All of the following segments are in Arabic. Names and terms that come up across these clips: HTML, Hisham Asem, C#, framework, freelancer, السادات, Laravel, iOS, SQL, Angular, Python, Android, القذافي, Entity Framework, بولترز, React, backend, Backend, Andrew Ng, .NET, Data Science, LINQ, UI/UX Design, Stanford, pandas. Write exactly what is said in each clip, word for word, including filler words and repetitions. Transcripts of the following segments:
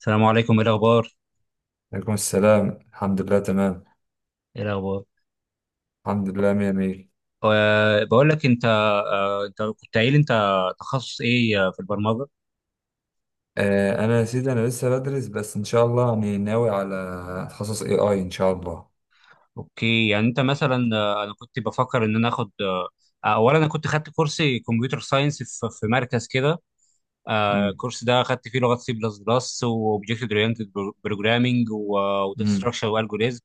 السلام عليكم، ايه الاخبار؟ عليكم السلام، الحمد لله تمام. ايه الاخبار؟ الحمد لله، مية مية. أه بقول لك انت، أه انت كنت قايل انت تخصص ايه آه، في البرمجه؟ آه أنا يا سيدي، أنا لسه بدرس، بس إن شاء الله يعني ناوي على تخصص A I، إن شاء الله. اوكي، يعني انت مثلا آه، انا كنت بفكر ان انا اخد آه، آه، اولا انا كنت خدت كورس كمبيوتر ساينس في في مركز كده. آه، امم. الكورس ده خدت فيه لغات سي بلس بلس واوبجكت اورينتد بروجرامنج وداتا امم. ستراكشر والجوريزم.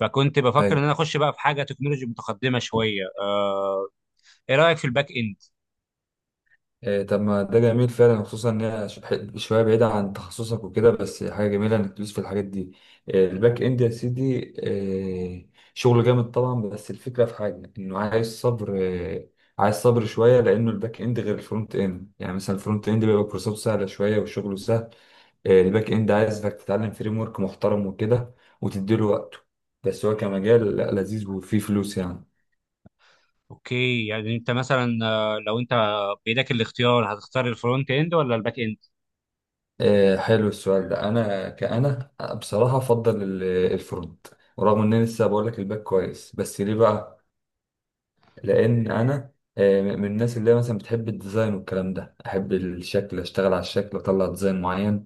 فكنت بفكر ان أي. انا اخش بقى في حاجه تكنولوجي متقدمه شويه. آه، ايه رايك في الباك اند؟ إيه، طب ما ده جميل فعلا، خصوصا ان هي ش- ح- شويه بعيده عن تخصصك وكده، بس حاجه جميله انك تدوس في الحاجات دي. إيه، الباك اند يا سيدي. إيه، شغل جامد طبعا، بس الفكره في حاجه انه عايز صبر إيه، عايز صبر شويه، لانه الباك اند غير الفرونت اند، يعني مثلا الفرونت اند بيبقى كورساته سهله شويه وشغله سهل. إيه، الباك اند عايز انك تتعلم فريم ورك محترم وكده، وتديله وقته. بس هو كمجال لا، لذيذ وفيه فلوس يعني. اوكي، يعني انت مثلا آه، لو انت بايدك الاختيار هتختار الفرونت اند ولا الباك اند؟ آه، حلو السؤال ده، انا كأنا بصراحة افضل ال- الفرونت. ورغم ان انا لسه بقول لك الباك كويس، بس ليه بقى؟ لان انا آه، من الناس اللي هي مثلا بتحب الديزاين والكلام ده، احب الشكل، اشتغل على الشكل واطلع ديزاين معين.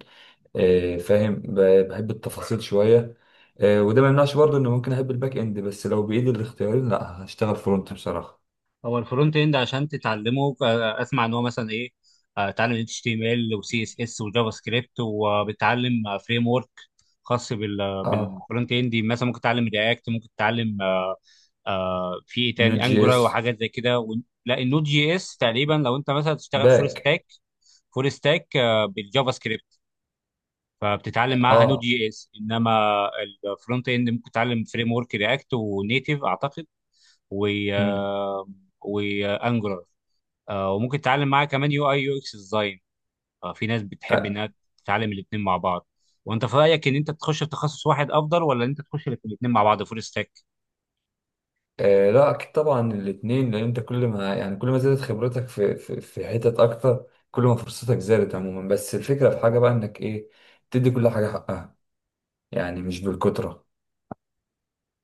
آه، فاهم، ب- بحب التفاصيل شوية. آه، وده ما يمنعش برضه ان ممكن احب الباك اند، بس لو بايدي الاختيارين لا، هشتغل فرونت بصراحة. هو الفرونت اند عشان تتعلمه آه، اسمع ان هو مثلا ايه، آه، تتعلم اتش تي ام ال وسي اس اس وجافا سكريبت، وبتتعلم فريم ورك خاص بال اه. بالفرونت اند، مثلا ممكن تتعلم رياكت، ممكن تتعلم آه، آه، في ايه نوت تاني، جي انجولار اس. وحاجات زي كده و- لا، النود جي اس تقريبا لو انت مثلا تشتغل فول باك. ستاك، فول ستاك بالجافا سكريبت فبتتعلم معاها نود اه. جي اس. انما الفرونت اند ممكن تتعلم فريم ورك رياكت ونيتيف اعتقد، و مم. وانجولار، وممكن تتعلم معاها كمان يو اي يو اكس ديزاين. في ناس بتحب انها تتعلم الاثنين مع بعض. وانت في رايك ان انت تخش في تخصص واحد افضل، ولا ان انت تخش في الاثنين مع بعض فول ستاك؟ آه لا، اكيد طبعا الاثنين، لان انت كل ما، يعني كل ما زادت خبرتك في في, في حتت اكتر، كل ما فرصتك زادت عموما. بس الفكره في حاجه بقى انك ايه، تدي كل حاجه حقها، يعني مش بالكتره.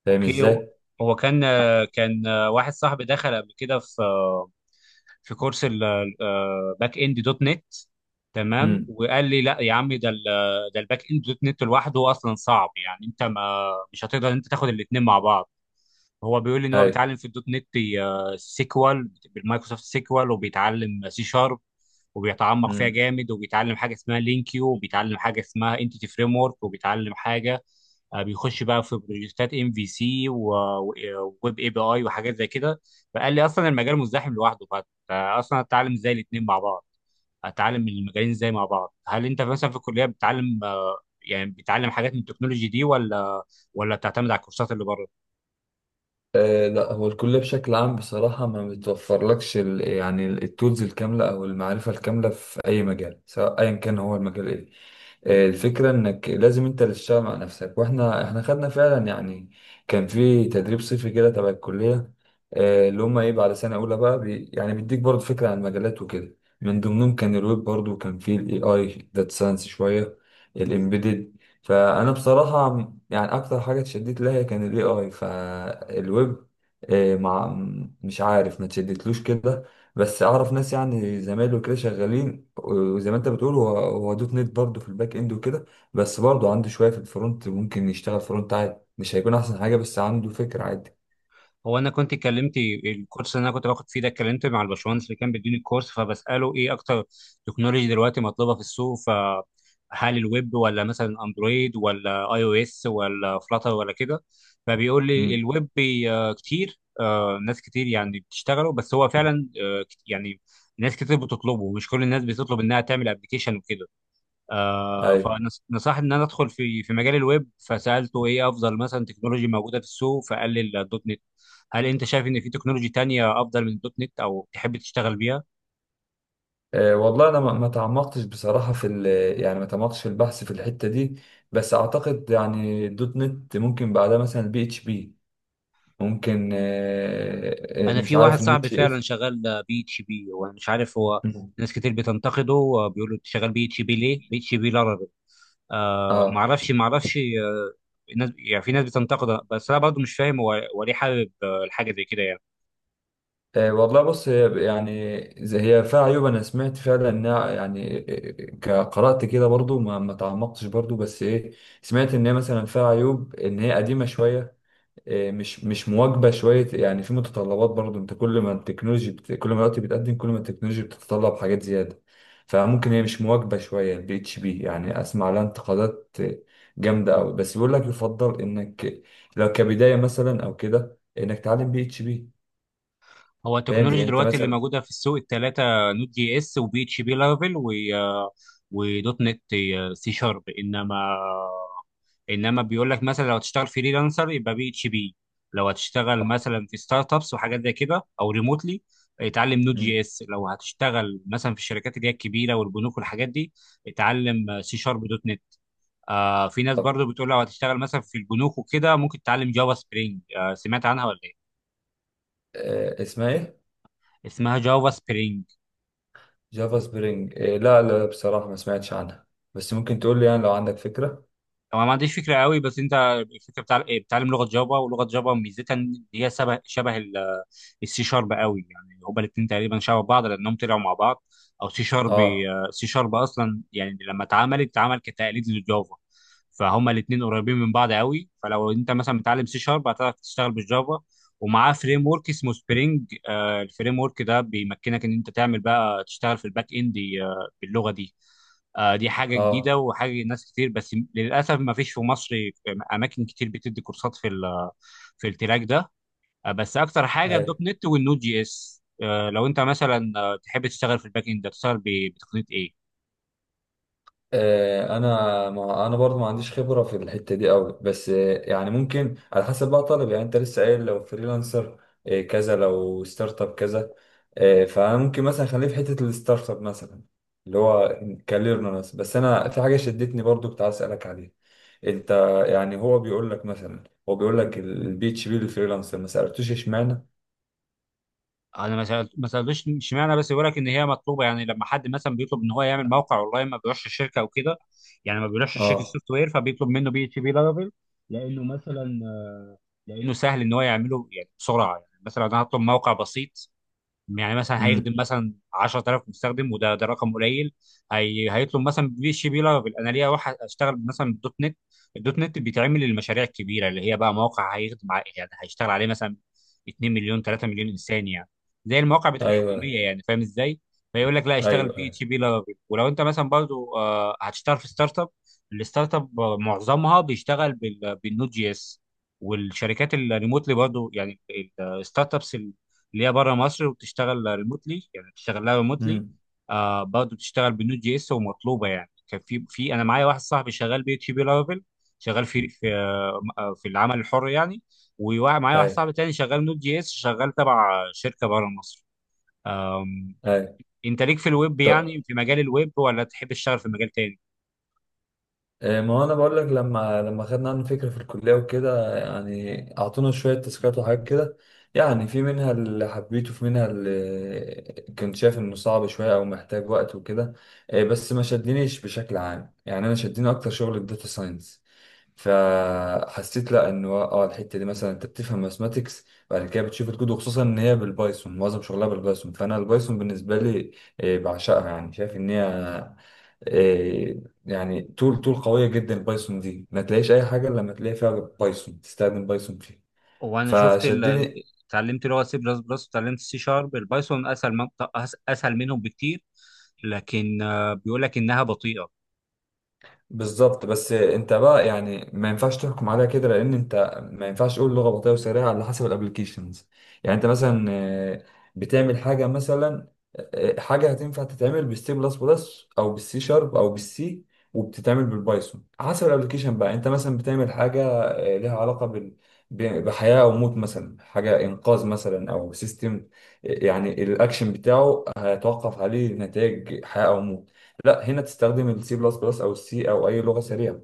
فاهم اوكي. هو ازاي؟ هو كان آه، كان آه، واحد صاحبي دخل قبل كده في آه، في كورس الباك اند دوت نت. تمام، امم. وقال لي لا يا عم، ده ال- ده الباك اند دوت نت لوحده اصلا صعب يعني، انت ما مش هتقدر انت تاخد الاثنين مع بعض. هو بيقول لي ان هو بيتعلم في الدوت نت آه، سيكوال، بالمايكروسوفت سيكوال، وبيتعلم سي شارب وبيتعمق هاي. فيها جامد، وبيتعلم حاجه اسمها لينكيو، وبيتعلم حاجه اسمها انتيتي فريم ورك، وبيتعلم حاجه آه، بيخش بقى في بروجكتات ام في سي وويب اي بي اي وحاجات زي كده. فقال لي اصلا المجال مزدحم لوحده، فاصلا اتعلم ازاي الاثنين مع بعض، اتعلم المجالين ازاي مع بعض؟ هل انت مثلا في الكليه بتتعلم آه، يعني بتتعلم حاجات من التكنولوجي دي، ولا ولا بتعتمد على الكورسات اللي بره؟ آه لا، هو الكلية بشكل عام بصراحة ما بتوفرلكش ال- يعني التولز الكاملة أو المعرفة الكاملة في أي مجال، سواء أيا كان هو المجال إيه. آه، الفكرة إنك لازم أنت اللي تشتغل مع نفسك. وإحنا إحنا خدنا فعلا، يعني كان في تدريب صيفي كده تبع الكلية. آه، اللي هما إيه بعد سنة أولى بقى، بي، يعني بيديك برضه فكرة عن المجالات وكده، من ضمنهم كان الويب برضه، وكان في ال إيه آي، داتا ساينس شوية، الإمبيدد. فأنا بصراحة يعني اكتر حاجه اتشدت لها كان الاي اي فالويب. آه، مع، مش عارف ما تشدتلوش كده. بس اعرف ناس، يعني زمايله كده شغالين، وزي ما انت بتقول هو هو دوت نت برضه في الباك اند وكده. بس برضه عنده شويه في الفرونت، ممكن يشتغل فرونت عادي، مش هيكون احسن حاجه بس عنده فكره عادي. هو انا كنت اتكلمت، الكورس اللي انا كنت باخد فيه ده اتكلمت مع الباشمهندس اللي كان بيديني الكورس، فبساله ايه اكتر تكنولوجي دلوقتي مطلوبه في السوق، فهل الويب ولا مثلا اندرويد ولا اي او اس ولا فلاتر ولا كده؟ فبيقول لي امم. الويب بي- آه، كتير، آه، ناس كتير يعني بتشتغله، بس هو فعلا آه، كت- يعني ناس كتير بتطلبه، مش كل الناس بتطلب انها تعمل ابلكيشن وكده. آه، ايوه. فنصحني ان انا ادخل في في مجال الويب، فسالته ايه افضل مثلا تكنولوجي موجوده في السوق، فقال لي الدوت نت. هل انت شايف ان في تكنولوجي تانية افضل من الدوت نت، او تحب تشتغل بيها؟ أه والله، انا ما ما تعمقتش بصراحه في ال- يعني ما تعمقتش في البحث في الحته دي. بس اعتقد يعني دوت نت ممكن بعدها مثلا بي اتش بي. ممكن آه، آه، انا مش في واحد عارف صاحبي النوتش فعلا اس. شغال بي اتش بي، وانا مش عارف هو. مم. ناس كتير بتنتقده وبيقولوا انت شغال بي اتش بي ليه، بي اتش بي لارافيل؟ آه اه. معرفش معرفش آه. الناس يعني في ناس بتنتقده، بس انا برضه مش فاهم هو هو ليه حابب آه، الحاجه زي كده يعني. آه، والله بص، هي يعني زي، هي فيها عيوب، انا سمعت فعلا انها يعني آه، آه، ك- قرأت كده برضو، ما ما تعمقتش برضو، بس ايه. سمعت ان هي مثلا فيها عيوب، ان هي قديمة شوية. آه، مش مش مواكبه شويه، يعني في متطلبات برضو، انت كل ما التكنولوجي بت... كل ما الوقت بيتقدم، كل ما التكنولوجي بتتطلب حاجات زياده. فممكن هي مش مواكبه شويه البي اتش بي، يعني اسمع لها انتقادات آه، جامده قوي، بس بيقول لك يفضل انك لو كبدايه مثلا او كده انك تعلم بي اتش بي. هو فاهم، التكنولوجيا زي انت دلوقتي اللي مثلا. موجوده في السوق الثلاثه: نوت جي اس، وبي اتش بي لارافيل، و ودوت نت سي شارب. انما انما بيقول لك مثلا لو هتشتغل فريلانسر يبقى بي اتش بي. لو هتشتغل آه، مثلا في ستارت ابس وحاجات زي كده او ريموتلي، اتعلم نوت جي مم. اس. لو هتشتغل مثلا في الشركات اللي هي الكبيره والبنوك والحاجات دي، اتعلم سي شارب دوت نت. آه، في ناس طب، برضو بتقول لو هتشتغل مثلا في البنوك وكده ممكن تتعلم جافا سبرينج. آه، سمعت عنها ولا ايه؟ آه، اسمها ايه؟ اسمها جافا سبرينج. جافا سبرينج. آه، لا لا بصراحه، ما سمعتش عنها. بس ممكن تقول لي، يعني لو عندك فكره. هو ما عنديش فكره قوي، بس انت الفكره بتاع بتعلم لغه جافا، ولغه جافا ميزتها ان هي شبه شبه السي شارب قوي، يعني هما الاثنين تقريبا شبه بعض لانهم طلعوا مع بعض، او سي شارب. اه، سي شارب اصلا يعني لما اتعملت، اتعمل كتقليد للجافا، فهما الاثنين قريبين من بعض قوي. فلو انت مثلا متعلم سي شارب هتعرف تشتغل بالجافا، ومعاه فريم ورك اسمه سبرينج. آه، الفريم ورك ده بيمكنك ان انت تعمل بقى تشتغل في الباك اند آه باللغه دي. آه، دي حاجه اه، جديده وحاجه ناس كتير، بس للاسف ما فيش في مصر اماكن كتير بتدي كورسات في ال- في التراك ده. آه، بس اكتر حاجه ايوه. الدوت نت والنود جي اس. آه، لو انت مثلا آه، تحب تشتغل في الباك اند، تشتغل ب- بتقنيه ايه؟ آه، انا، ما انا برضو ما عنديش خبره في الحته دي قوي. بس آه، يعني ممكن على حسب بقى طالب، يعني انت لسه قايل لو فريلانسر آه، كذا، لو ستارت اب كذا. آه، فانا ممكن مثلا خليه في حته الستارت اب مثلا، اللي هو كاريرنا مثلا. بس انا في حاجه شدتني برضو، كنت عايز اسالك عليها. انت يعني هو بيقول لك مثلا، هو بيقول لك البي اتش بي للفريلانسر، ما سالتوش اشمعنى. انا ما سألت- ما سالتش اشمعنى، بس بيقول لك ان هي مطلوبه، يعني لما حد مثلا بيطلب ان هو يعمل موقع اونلاين ما بيروحش الشركه او كده، يعني ما بيروحش الشركه اه. السوفت وير، فبيطلب منه بي اتش بي لارافيل لانه مثلا آه، لانه سهل ان هو يعمله، يعني بسرعه. يعني مثلا انا هطلب موقع بسيط يعني مثلا امم. هيخدم مثلا عشر آلاف مستخدم، وده ده رقم قليل. هي هيطلب مثلا في اتش بي لارافيل. انا ليا واحد اشتغل مثلا بالدوت نت. الدوت نت بيتعمل للمشاريع الكبيره، اللي هي بقى مواقع هيخدم ع- يعني هيشتغل عليه مثلا 2 مليون 3 مليون انسان يعني، زي المواقع بتاع ايوه، الحكوميه. يعني فاهم ازاي؟ فيقول لك لا، اشتغل ايوه، بي ايوه. اتش بي لارافيل. ولو انت مثلا برضو آه، هتشتغل في ستارت اب، الستارت اب آه، معظمها بيشتغل بال- بالنود جي اس. والشركات الريموتلي برضو يعني الستارت ابس اللي هي بره مصر وبتشتغل ريموتلي، يعني بتشتغل لها ريموتلي. امم. آه، برضه بتشتغل بنود جي اس ومطلوبه يعني. كان في في انا معايا واحد صاحبي شغال بي اتش بي لارافيل، شغال في في آه آه، في العمل الحر يعني. ومعايا واحد ايوه، صاحبي تاني شغال نود جي اس، شغال تبع شركه بره مصر. آم، ايوه. انت ليك في الويب، يعني في مجال الويب، ولا تحب تشتغل في مجال تاني؟ آه، ما هو انا بقول لك، لما لما خدنا عنه فكره في الكليه وكده، يعني اعطونا شويه تاسكات وحاجات كده. يعني في منها اللي حبيته، في منها اللي كنت شايف انه صعب شويه او محتاج وقت وكده. آه، بس ما شدنيش بشكل عام، يعني انا شدني اكتر شغل الداتا ساينس. فحسيت لا، انه اه الحته دي مثلا انت بتفهم ماثماتكس، بعد كده بتشوف الكود، وخصوصا ان هي بالبايثون، معظم شغلها بالبايثون، فانا البايثون بالنسبه لي آه، بعشقها. يعني شايف ان هي آه، يعني تول، تول قوية جدا، البايثون دي ما تلاقيش أي حاجة إلا لما تلاقي فيها بايثون، تستخدم بايثون فيها. وانا شفت ال... فشدني. اتعلمت لغه سي بلس بلس وتعلمت سي شارب. البايثون اسهل منطق... اسهل منهم بكتير، لكن آه، بيقول لك انها بطيئه. بالظبط، بس انت بقى يعني ما ينفعش تحكم عليها كده، لان انت ما ينفعش تقول لغه بطيئه وسريعه، على حسب الابلكيشنز. يعني انت مثلا آه، بتعمل حاجه مثلا، آه، آه، حاجه هتنفع تتعمل بالسي بلس بلس او بالسي شارب او بالسي، وبتتعمل بالبايثون حسب الابلكيشن. بقى انت مثلا بتعمل حاجه آه، لها علاقه بال ب- بحياه او موت، مثلا حاجه انقاذ، مثلا او سيستم، يعني الاكشن بتاعه هيتوقف عليه نتائج حياه او موت. لا، هنا تستخدم السي بلس بلس او السي او اي لغه سريعه.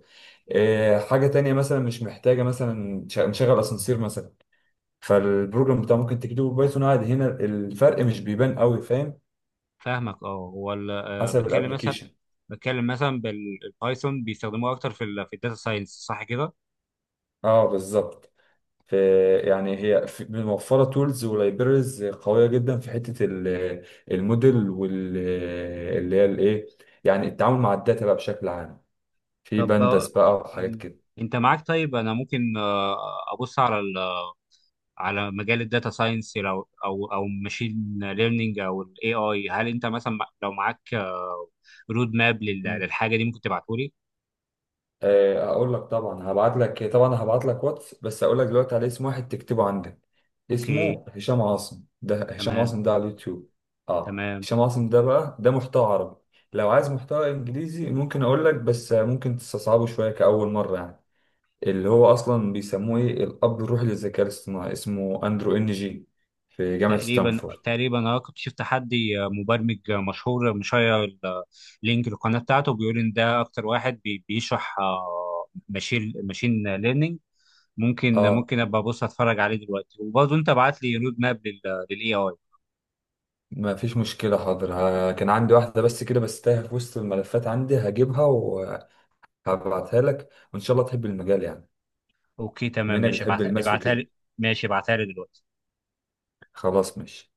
آه، حاجه تانية مثلا مش محتاجه مثلا، ش- نشغل اسانسير مثلا، فالبروجرام بتاع ممكن تكتبه بايثون عادي، هنا الفرق مش بيبان قوي، فاهم؟ فاهمك. اه، هو ال- آه، حسب بتكلم مثلا، الابلكيشن. بتكلم مثلا بالبايثون بيستخدموه اكتر في ال في الداتا ساينس، صح كده؟ اه بالظبط. ف- يعني هي، في- موفره تولز ولايبرز قويه جدا في حته ال- الموديل، وال، اللي هي الايه، يعني التعامل مع الداتا بقى بشكل عام، في طب آه، بندس بقى وحاجات مم. كده. انت معاك؟ طيب انا ممكن آه، ابص على ال- على مجال الداتا ساينس، لو او او ماشين ليرنينج او الاي اي. هل انت مثلا مع- لو معاك آه، رود ماب لل- للحاجه دي، ممكن تبعته لي؟ آه، هقول لك، طبعا هبعت لك، طبعا هبعت لك واتس، بس هقول لك دلوقتي على اسم، واحد تكتبه عندك. اوكي، اسمه هشام عاصم، ده هشام تمام. عاصم ده على اليوتيوب. اه، تمام هشام عاصم ده بقى، ده محتوى عربي. لو عايز محتوى انجليزي ممكن اقول لك، بس ممكن تستصعبه شويه كأول مره يعني. اللي هو اصلا بيسموه ايه الاب الروحي للذكاء الاصطناعي، اسمه اندرو ان جي، في جامعه تقريبا ستانفورد. تقريبا انا كنت شفت حد مبرمج مشهور، مشير ال- لينك القناه بتاعته، بيقول ان ده اكتر واحد بي- بيشرح آه، ماشين ماشين ليرنينج. ممكن اه، ممكن ابقى ابص اتفرج عليه دلوقتي، وبرضه انت ابعت لي رود ماب للاي اي. ما فيش مشكله، حاضر، ها- كان عندي واحده بس كده، بس تايهه في وسط الملفات عندي، هجيبها. هبعتها لك، وان شاء الله تحب المجال يعني. اوكي بما تمام انك ماشي، بتحب ابعت- الماس ابعتها وكده. لي. ماشي، ابعتها لي دلوقتي. خلاص، ماشي.